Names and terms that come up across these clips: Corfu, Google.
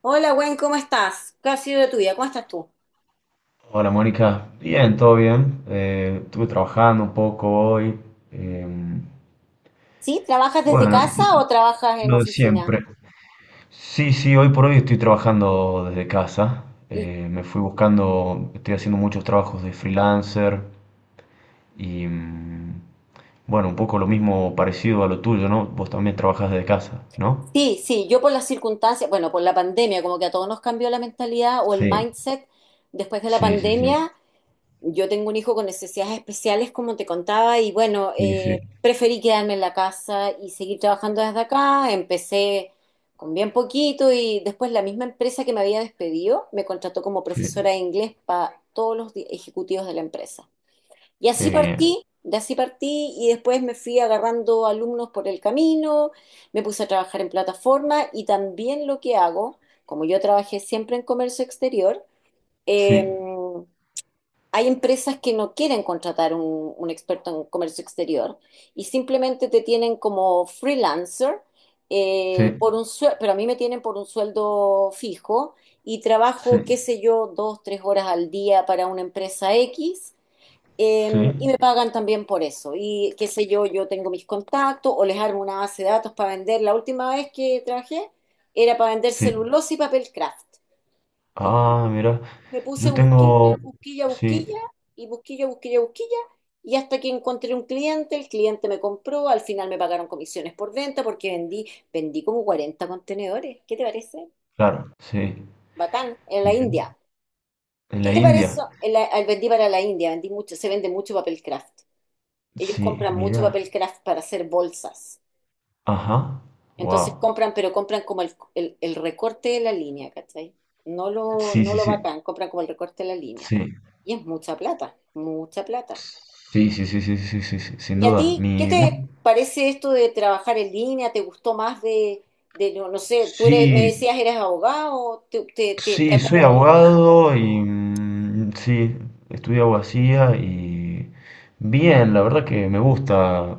Hola, Gwen, ¿cómo estás? ¿Qué ha sido de tu vida? ¿Cómo estás tú? Hola Mónica, bien, todo bien. Estuve trabajando un poco hoy. eh, ¿Sí? ¿Trabajas desde bueno, casa o trabajas en lo de oficina? siempre. Sí, sí, hoy por hoy estoy trabajando desde casa. Y Me fui buscando, estoy haciendo muchos trabajos de freelancer y bueno, un poco lo mismo parecido a lo tuyo, ¿no? Vos también trabajás desde casa, ¿no? sí, sí, yo por las circunstancias, bueno, por la pandemia, como que a todos nos cambió la mentalidad o el Sí, mindset después de la sí, sí, sí, pandemia. Yo tengo un hijo con necesidades especiales, como te contaba, y bueno, sí, sí, preferí quedarme en la casa y seguir trabajando desde acá. Empecé con bien poquito y después la misma empresa que me había despedido me contrató como sí. profesora de inglés para todos los ejecutivos de la empresa. Y Qué así bien. partí, y después me fui agarrando alumnos por el camino, me puse a trabajar en plataforma y también lo que hago, como yo trabajé siempre en comercio exterior, eh, Sí, hay empresas que no quieren contratar un experto en comercio exterior y simplemente te tienen como freelancer sí, por un sueldo, pero a mí me tienen por un sueldo fijo y trabajo, qué sí, sé yo, 2, 3 horas al día para una empresa X eh, sí, y me pagan también por eso. Y qué sé yo, yo tengo mis contactos o les armo una base de datos para vender. La última vez que trabajé era para vender sí. celulosa y papel craft. Y yo Ah, mira, me puse yo busquilla, tengo, busquilla, sí, busquilla y busquilla, busquilla, busquilla. Y hasta que encontré un cliente, el cliente me compró, al final me pagaron comisiones por venta porque vendí como 40 contenedores. ¿Qué te parece? claro, sí, Batán, en la mira, India. ¿Y en qué la te parece? India, Vendí para la India, vendí mucho, se vende mucho papel craft. Ellos sí, compran mucho mira, papel craft para hacer bolsas. ajá, Entonces wow, compran, pero compran como el recorte de la línea, ¿cachai? No lo, sí, no sí, lo sí, bacán, compran como el recorte de la línea. Y es mucha plata, mucha plata. sí, sí, sí, sí, sí, sí, sí, sí, sí, sin ¿Y a duda, ti qué mi, bueno, te parece esto de trabajar en línea? ¿Te gustó más de no, sé, tú eres, me sí. decías eres abogado, te Sí, soy acomodó más? abogado y sí, estudié abogacía y bien, la verdad que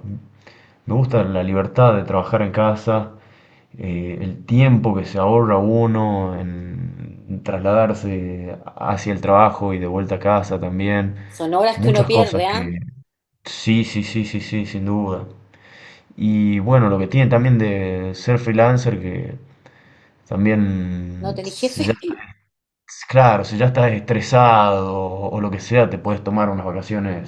me gusta la libertad de trabajar en casa, el tiempo que se ahorra uno en trasladarse hacia el trabajo y de vuelta a casa también, Son horas que uno muchas cosas pierde, ¿ah? que sí, sí, sí, sí, sí, sin duda. Y bueno, lo que tiene también de ser freelancer que ¿No también tenés jefe? Claro, si ya estás estresado o lo que sea, te puedes tomar unas vacaciones.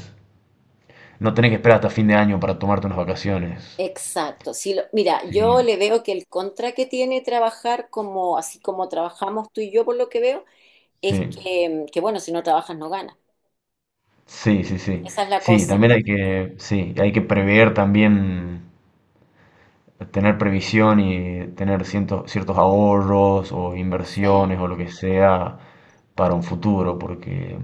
No tenés que esperar hasta fin de año para tomarte unas vacaciones. Exacto. Sí, mira, yo Sí, le veo que el contra que tiene trabajar como así como trabajamos tú y yo, por lo que veo, es sí, que, bueno, si no trabajas no ganas. sí, sí, sí. Esa es la Sí, cosa. también hay que, sí, hay que prever también, tener previsión y tener ciertos ahorros o Sí, inversiones o lo que sea para un futuro, porque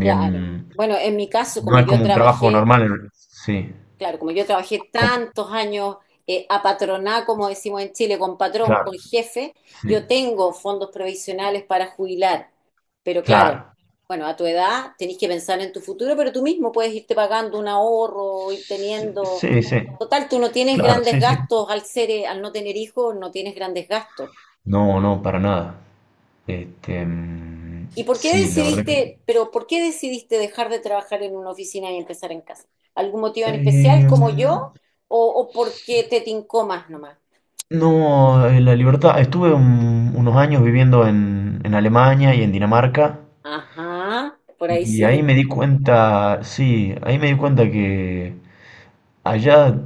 claro. Bueno, en mi caso, no como es yo como un trabajo trabajé, normal. Sí, claro, como yo trabajé com- tantos años a patroná, como decimos en Chile, con patrón, claro, con jefe, sí, yo tengo fondos provisionales para jubilar. Pero claro, claro. bueno, a tu edad tenés que pensar en tu futuro, pero tú mismo puedes irte pagando un ahorro, ir teniendo. Sí, sí, Total, tú no tienes claro, grandes sí, sí. gastos al ser, al no tener hijos, no tienes grandes gastos. No, no, para nada. Este, mm, ¿Y por qué sí, la verdad que. decidiste, pero por qué decidiste dejar de trabajar en una oficina y empezar en casa? ¿Algún motivo en especial como Mm, yo o porque te tincó más nomás? no, la libertad. Estuve unos años viviendo en Alemania y en Dinamarca Ajá, por ahí y sí te ahí me di entiendo. cuenta, sí, ahí me di cuenta que allá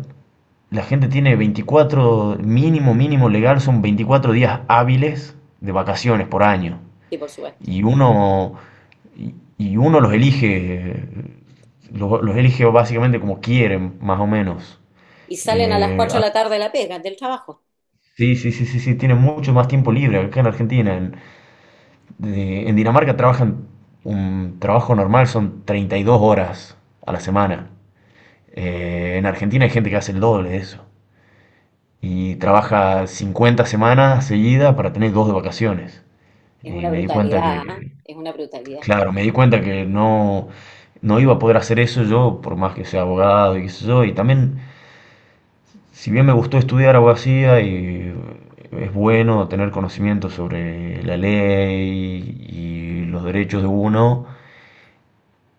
la gente tiene 24 mínimo, mínimo legal, son 24 días hábiles de vacaciones por año. Sí, por supuesto. y uno, y uno los elige, los elige básicamente como quieren, más o menos. Y salen a las 4 Ah, de la tarde de la pega, del trabajo. sí, sí, sí, sí, sí, tienen mucho más tiempo libre acá en Argentina. En Dinamarca trabajan un trabajo normal, son 32 horas a la semana. En Argentina hay gente que hace el doble de eso. Y trabaja 50 semanas seguidas para tener dos de vacaciones. Es Y una me di cuenta brutalidad, ¿ah? que Es una brutalidad. Claro, me di cuenta que no, no iba a poder hacer eso yo, por más que sea abogado y qué sé yo. Y también, si bien me gustó estudiar abogacía y es bueno tener conocimiento sobre la ley y los derechos de uno,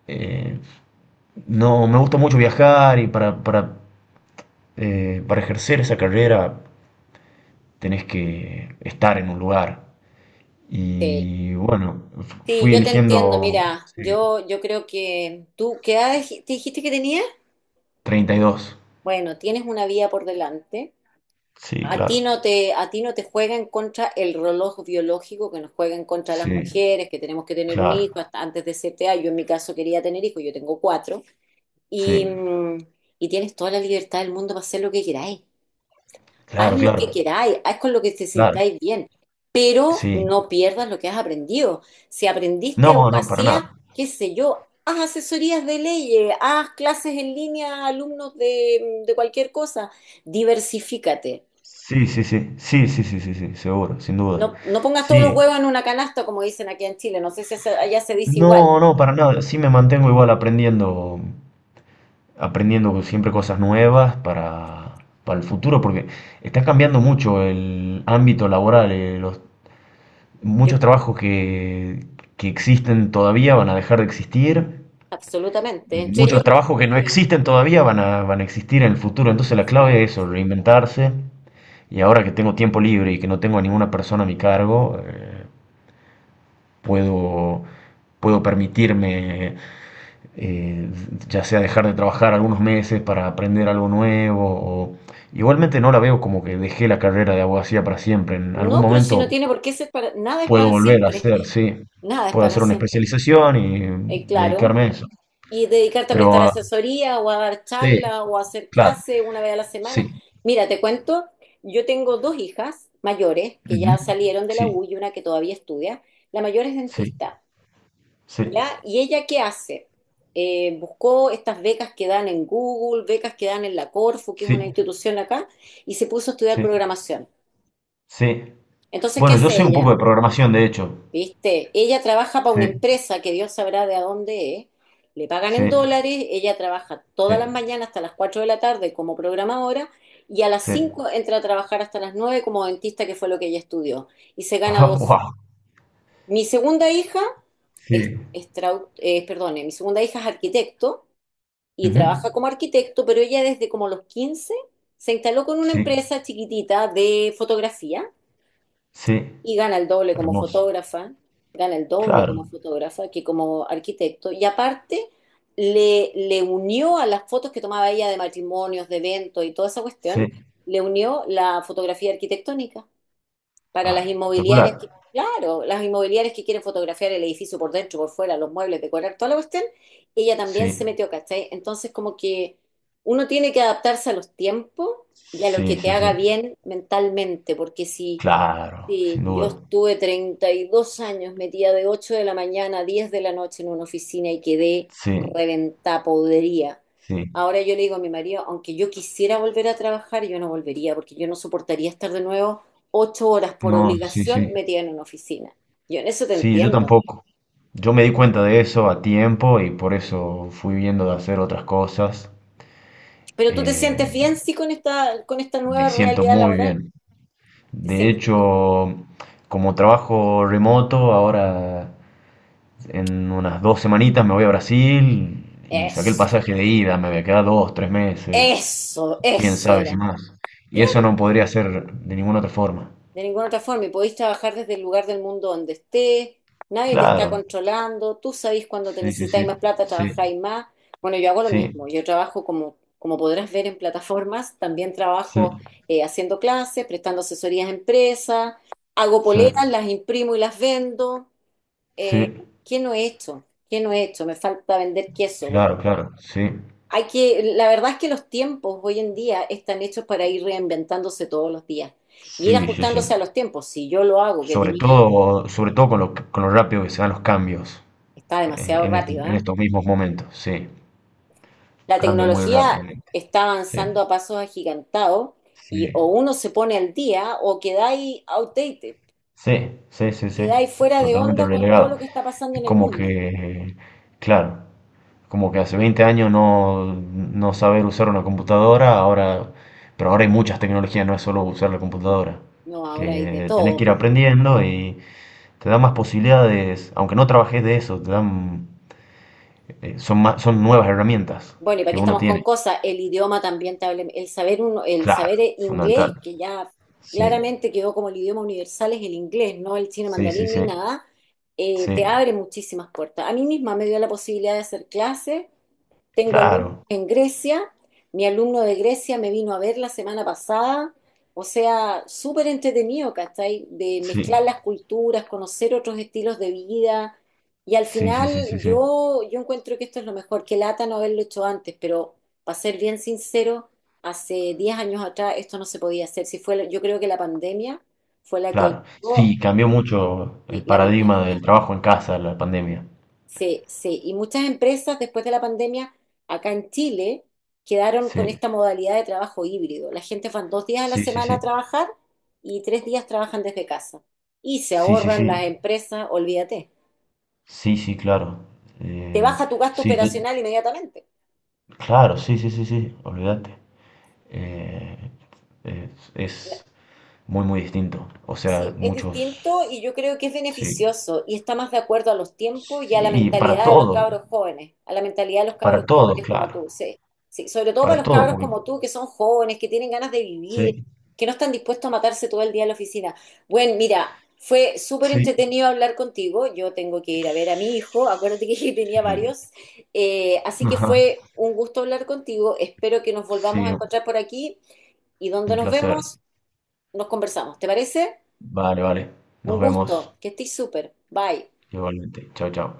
eh, no, me gusta mucho viajar y para ejercer esa carrera tenés que estar en un lugar. Sí. Y bueno, Sí, fui yo te entiendo. eligiendo Mira, sí. Yo creo que tú, ¿qué edad te dijiste que tenías? 32. Bueno, tienes una vía por delante. Sí, claro. A ti no te juega en contra el reloj biológico que nos juega en contra a las Sí. mujeres, que tenemos que tener un Claro, hijo hasta antes de cierta edad. Yo en mi caso quería tener hijos, yo tengo cuatro. Y, sí, mm, y tienes toda la libertad del mundo para hacer lo que queráis. Haz claro, lo claro, que queráis, haz con lo que te claro, sintáis bien, pero sí. no pierdas lo que has aprendido. Si aprendiste No, no, para abogacía, nada. qué sé yo, haz asesorías de leyes, haz clases en línea a alumnos de cualquier cosa, diversifícate. Sí, sí, sí, sí, sí, sí, sí, sí, seguro, sin duda. No, no pongas todos los Sí, huevos en una canasta, como dicen aquí en Chile, no sé si allá se dice igual. no, no, para nada. Sí me mantengo igual aprendiendo, aprendiendo siempre cosas nuevas para el futuro, porque está cambiando mucho el ámbito laboral. Muchos Yo, trabajos que existen todavía van a dejar de existir. absolutamente, Y entre ellos, muchos trabajos el que no mío. existen todavía van a existir en el futuro. Entonces la Exacto. clave es eso, reinventarse. Y ahora que tengo tiempo libre y que no tengo a ninguna persona a mi cargo, puedo, puedo permitirme, eh, ya sea dejar de trabajar algunos meses para aprender algo nuevo. o- Igualmente no la veo como que dejé la carrera de abogacía para siempre. En algún No, pero si no momento tiene por qué ser para, nada es puedo para volver a siempre, hacer, sí. nada es Puedo para hacer una siempre. especialización y Claro. dedicarme a eso. Y dedicarte a Pero prestar ah, asesoría o a dar sí, charlas o a hacer claro, clases una vez a la semana. sí. Mira, te cuento, yo tengo dos hijas mayores que Ujú. ya salieron de la Sí, U y una que todavía estudia. La mayor es sí, dentista, sí, ¿ya? ¿Y ella qué hace? Buscó estas becas que dan en Google, becas que dan en la Corfu, que es una sí, institución acá, y se puso a estudiar sí, programación. sí. Entonces, ¿qué Bueno, yo hace sé un poco ella? de programación, de hecho. ¿Viste? Ella trabaja para Sí, una empresa que Dios sabrá de a dónde es. Le pagan en sí, dólares, ella trabaja todas las sí, mañanas hasta las 4 de la tarde como programadora y a las sí. 5 entra a trabajar hasta las 9 como dentista, que fue lo que ella estudió. Y se gana dos. wow, Mi segunda hija sí. Perdone, mi segunda hija es arquitecto y Ujú. trabaja como arquitecto, pero ella desde como los 15 se instaló con una Sí, empresa chiquitita de fotografía sí, y gana el doble como hermoso. fotógrafa, gana el doble Claro, como fotógrafa que como arquitecto. Y aparte le unió a las fotos que tomaba ella de matrimonios, de eventos y toda esa sí. cuestión, le unió la fotografía arquitectónica para Ah, las espectacular. inmobiliarias que, claro, las inmobiliarias que quieren fotografiar el edificio por dentro, por fuera, los muebles, decorar toda la cuestión, ella también se Sí, metió, ¿cachai? Entonces, como que uno tiene que adaptarse a los tiempos y a lo que sí, te sí, haga sí. bien mentalmente, porque Claro, si sin yo duda. estuve 32 años metida de 8 de la mañana a 10 de la noche en una oficina y quedé Sí, reventada, podría. sí. Ahora yo le digo a mi marido, aunque yo quisiera volver a trabajar, yo no volvería, porque yo no soportaría estar de nuevo 8 horas por No, sí, sí. obligación metida en una oficina. Yo en eso te Sí, yo entiendo. tampoco. Yo me di cuenta de eso a tiempo y por eso fui viendo de hacer otras cosas. Pero tú te eh, sientes bien, sí, con esta, Me nueva siento realidad muy laboral. bien. Te De sientes tú. hecho, como trabajo remoto, ahora en unas dos semanitas me voy a Brasil y saqué el Eso, pasaje de ida, me voy a quedar dos, tres meses, eso, quién eso sabe era. si más. Y Claro. eso no podría ser de ninguna otra forma. De ninguna otra forma. Y podéis trabajar desde el lugar del mundo donde estés, nadie te está Claro, controlando, tú sabéis cuando te sí, sí, sí, necesitáis más plata, sí, trabajáis más. Bueno, yo hago lo sí, mismo, yo trabajo como, podrás ver en plataformas, también sí, trabajo haciendo clases, prestando asesorías a empresas, hago sí, poleras, las imprimo y las vendo. Eh, sí, ¿qué no he hecho? ¿Qué no he hecho? Me falta vender queso, claro, claro, sí, hay que, la verdad es que los tiempos hoy en día están hechos para ir reinventándose todos los días y ir sí, sí, sí. ajustándose a los tiempos. Si yo lo hago, que tenía, Sobre todo con lo rápido que se dan los cambios. está demasiado en estos rápido, en ¿ah? estos mismos momentos, sí, La cambia muy tecnología rápidamente, está sí, avanzando a pasos agigantados sí, y o uno se pone al día o quedáis outdated, sí, sí, sí, sí, quedáis fuera de totalmente onda con todo relegado. lo que está pasando Es en el como mundo. que, claro, como que hace 20 años no saber usar una computadora, ahora, pero ahora hay muchas tecnologías, no es solo usar la computadora, No, ahora hay de que tenés todo. que ir aprendiendo y te da más posibilidades, aunque no trabajes de eso, te dan, son nuevas herramientas Bueno, y para que qué uno estamos con tiene, cosas, el idioma también el saber uno, el claro, saber inglés, fundamental, que ya sí. claramente quedó como el idioma universal, es el inglés, no el chino Sí, sí, mandarín ni sí, nada, te sí, abre muchísimas puertas. A mí misma me dio la posibilidad de hacer clases. Tengo alumnos claro, en Grecia, mi alumno de Grecia me vino a ver la semana pasada, o sea, súper entretenido, ¿cachai? De sí, mezclar las culturas, conocer otros estilos de vida. Y al sí, sí, sí, final sí, sí, yo encuentro que esto es lo mejor, que lata no haberlo hecho antes, pero para ser bien sincero, hace 10 años atrás esto no se podía hacer. Si fue, yo creo que la pandemia fue la que claro. ayudó Sí, cambió mucho el la paradigma del mentalidad. trabajo en casa, la pandemia. Sí, sí, y muchas empresas después de la pandemia acá en Chile quedaron con Sí, esta modalidad de trabajo híbrido. La gente van 2 días a la sí, sí, semana sí, a trabajar y 3 días trabajan desde casa. Y se sí, sí, ahorran sí, las empresas, olvídate. sí, sí, claro. Te Eh, baja tu gasto sí, yo, operacional inmediatamente. claro, sí, sí, sí, sí, olvídate. Eh, es muy, muy distinto. O sea, Sí, es muchos, distinto y yo creo que es sí, beneficioso y está más de acuerdo a los tiempos y a la sí, mentalidad de los cabros jóvenes, a la mentalidad de los cabros para todos, jóvenes como claro, tú, sí. Sí, sobre todo para para los todos, cabros porque, como tú, que son jóvenes, que tienen ganas de vivir, sí, que no están dispuestos a matarse todo el día en la oficina. Bueno, mira, fue súper sí, entretenido hablar contigo. Yo tengo que ir a ver a mi hijo, acuérdate que tenía sí. varios. Así que fue un gusto hablar contigo. Espero que nos volvamos Sí, a encontrar por aquí y donde un nos placer. vemos, nos conversamos. ¿Te parece? Vale, vale. Un Nos vemos gusto, que estés súper. Bye. igualmente. Chao, chao.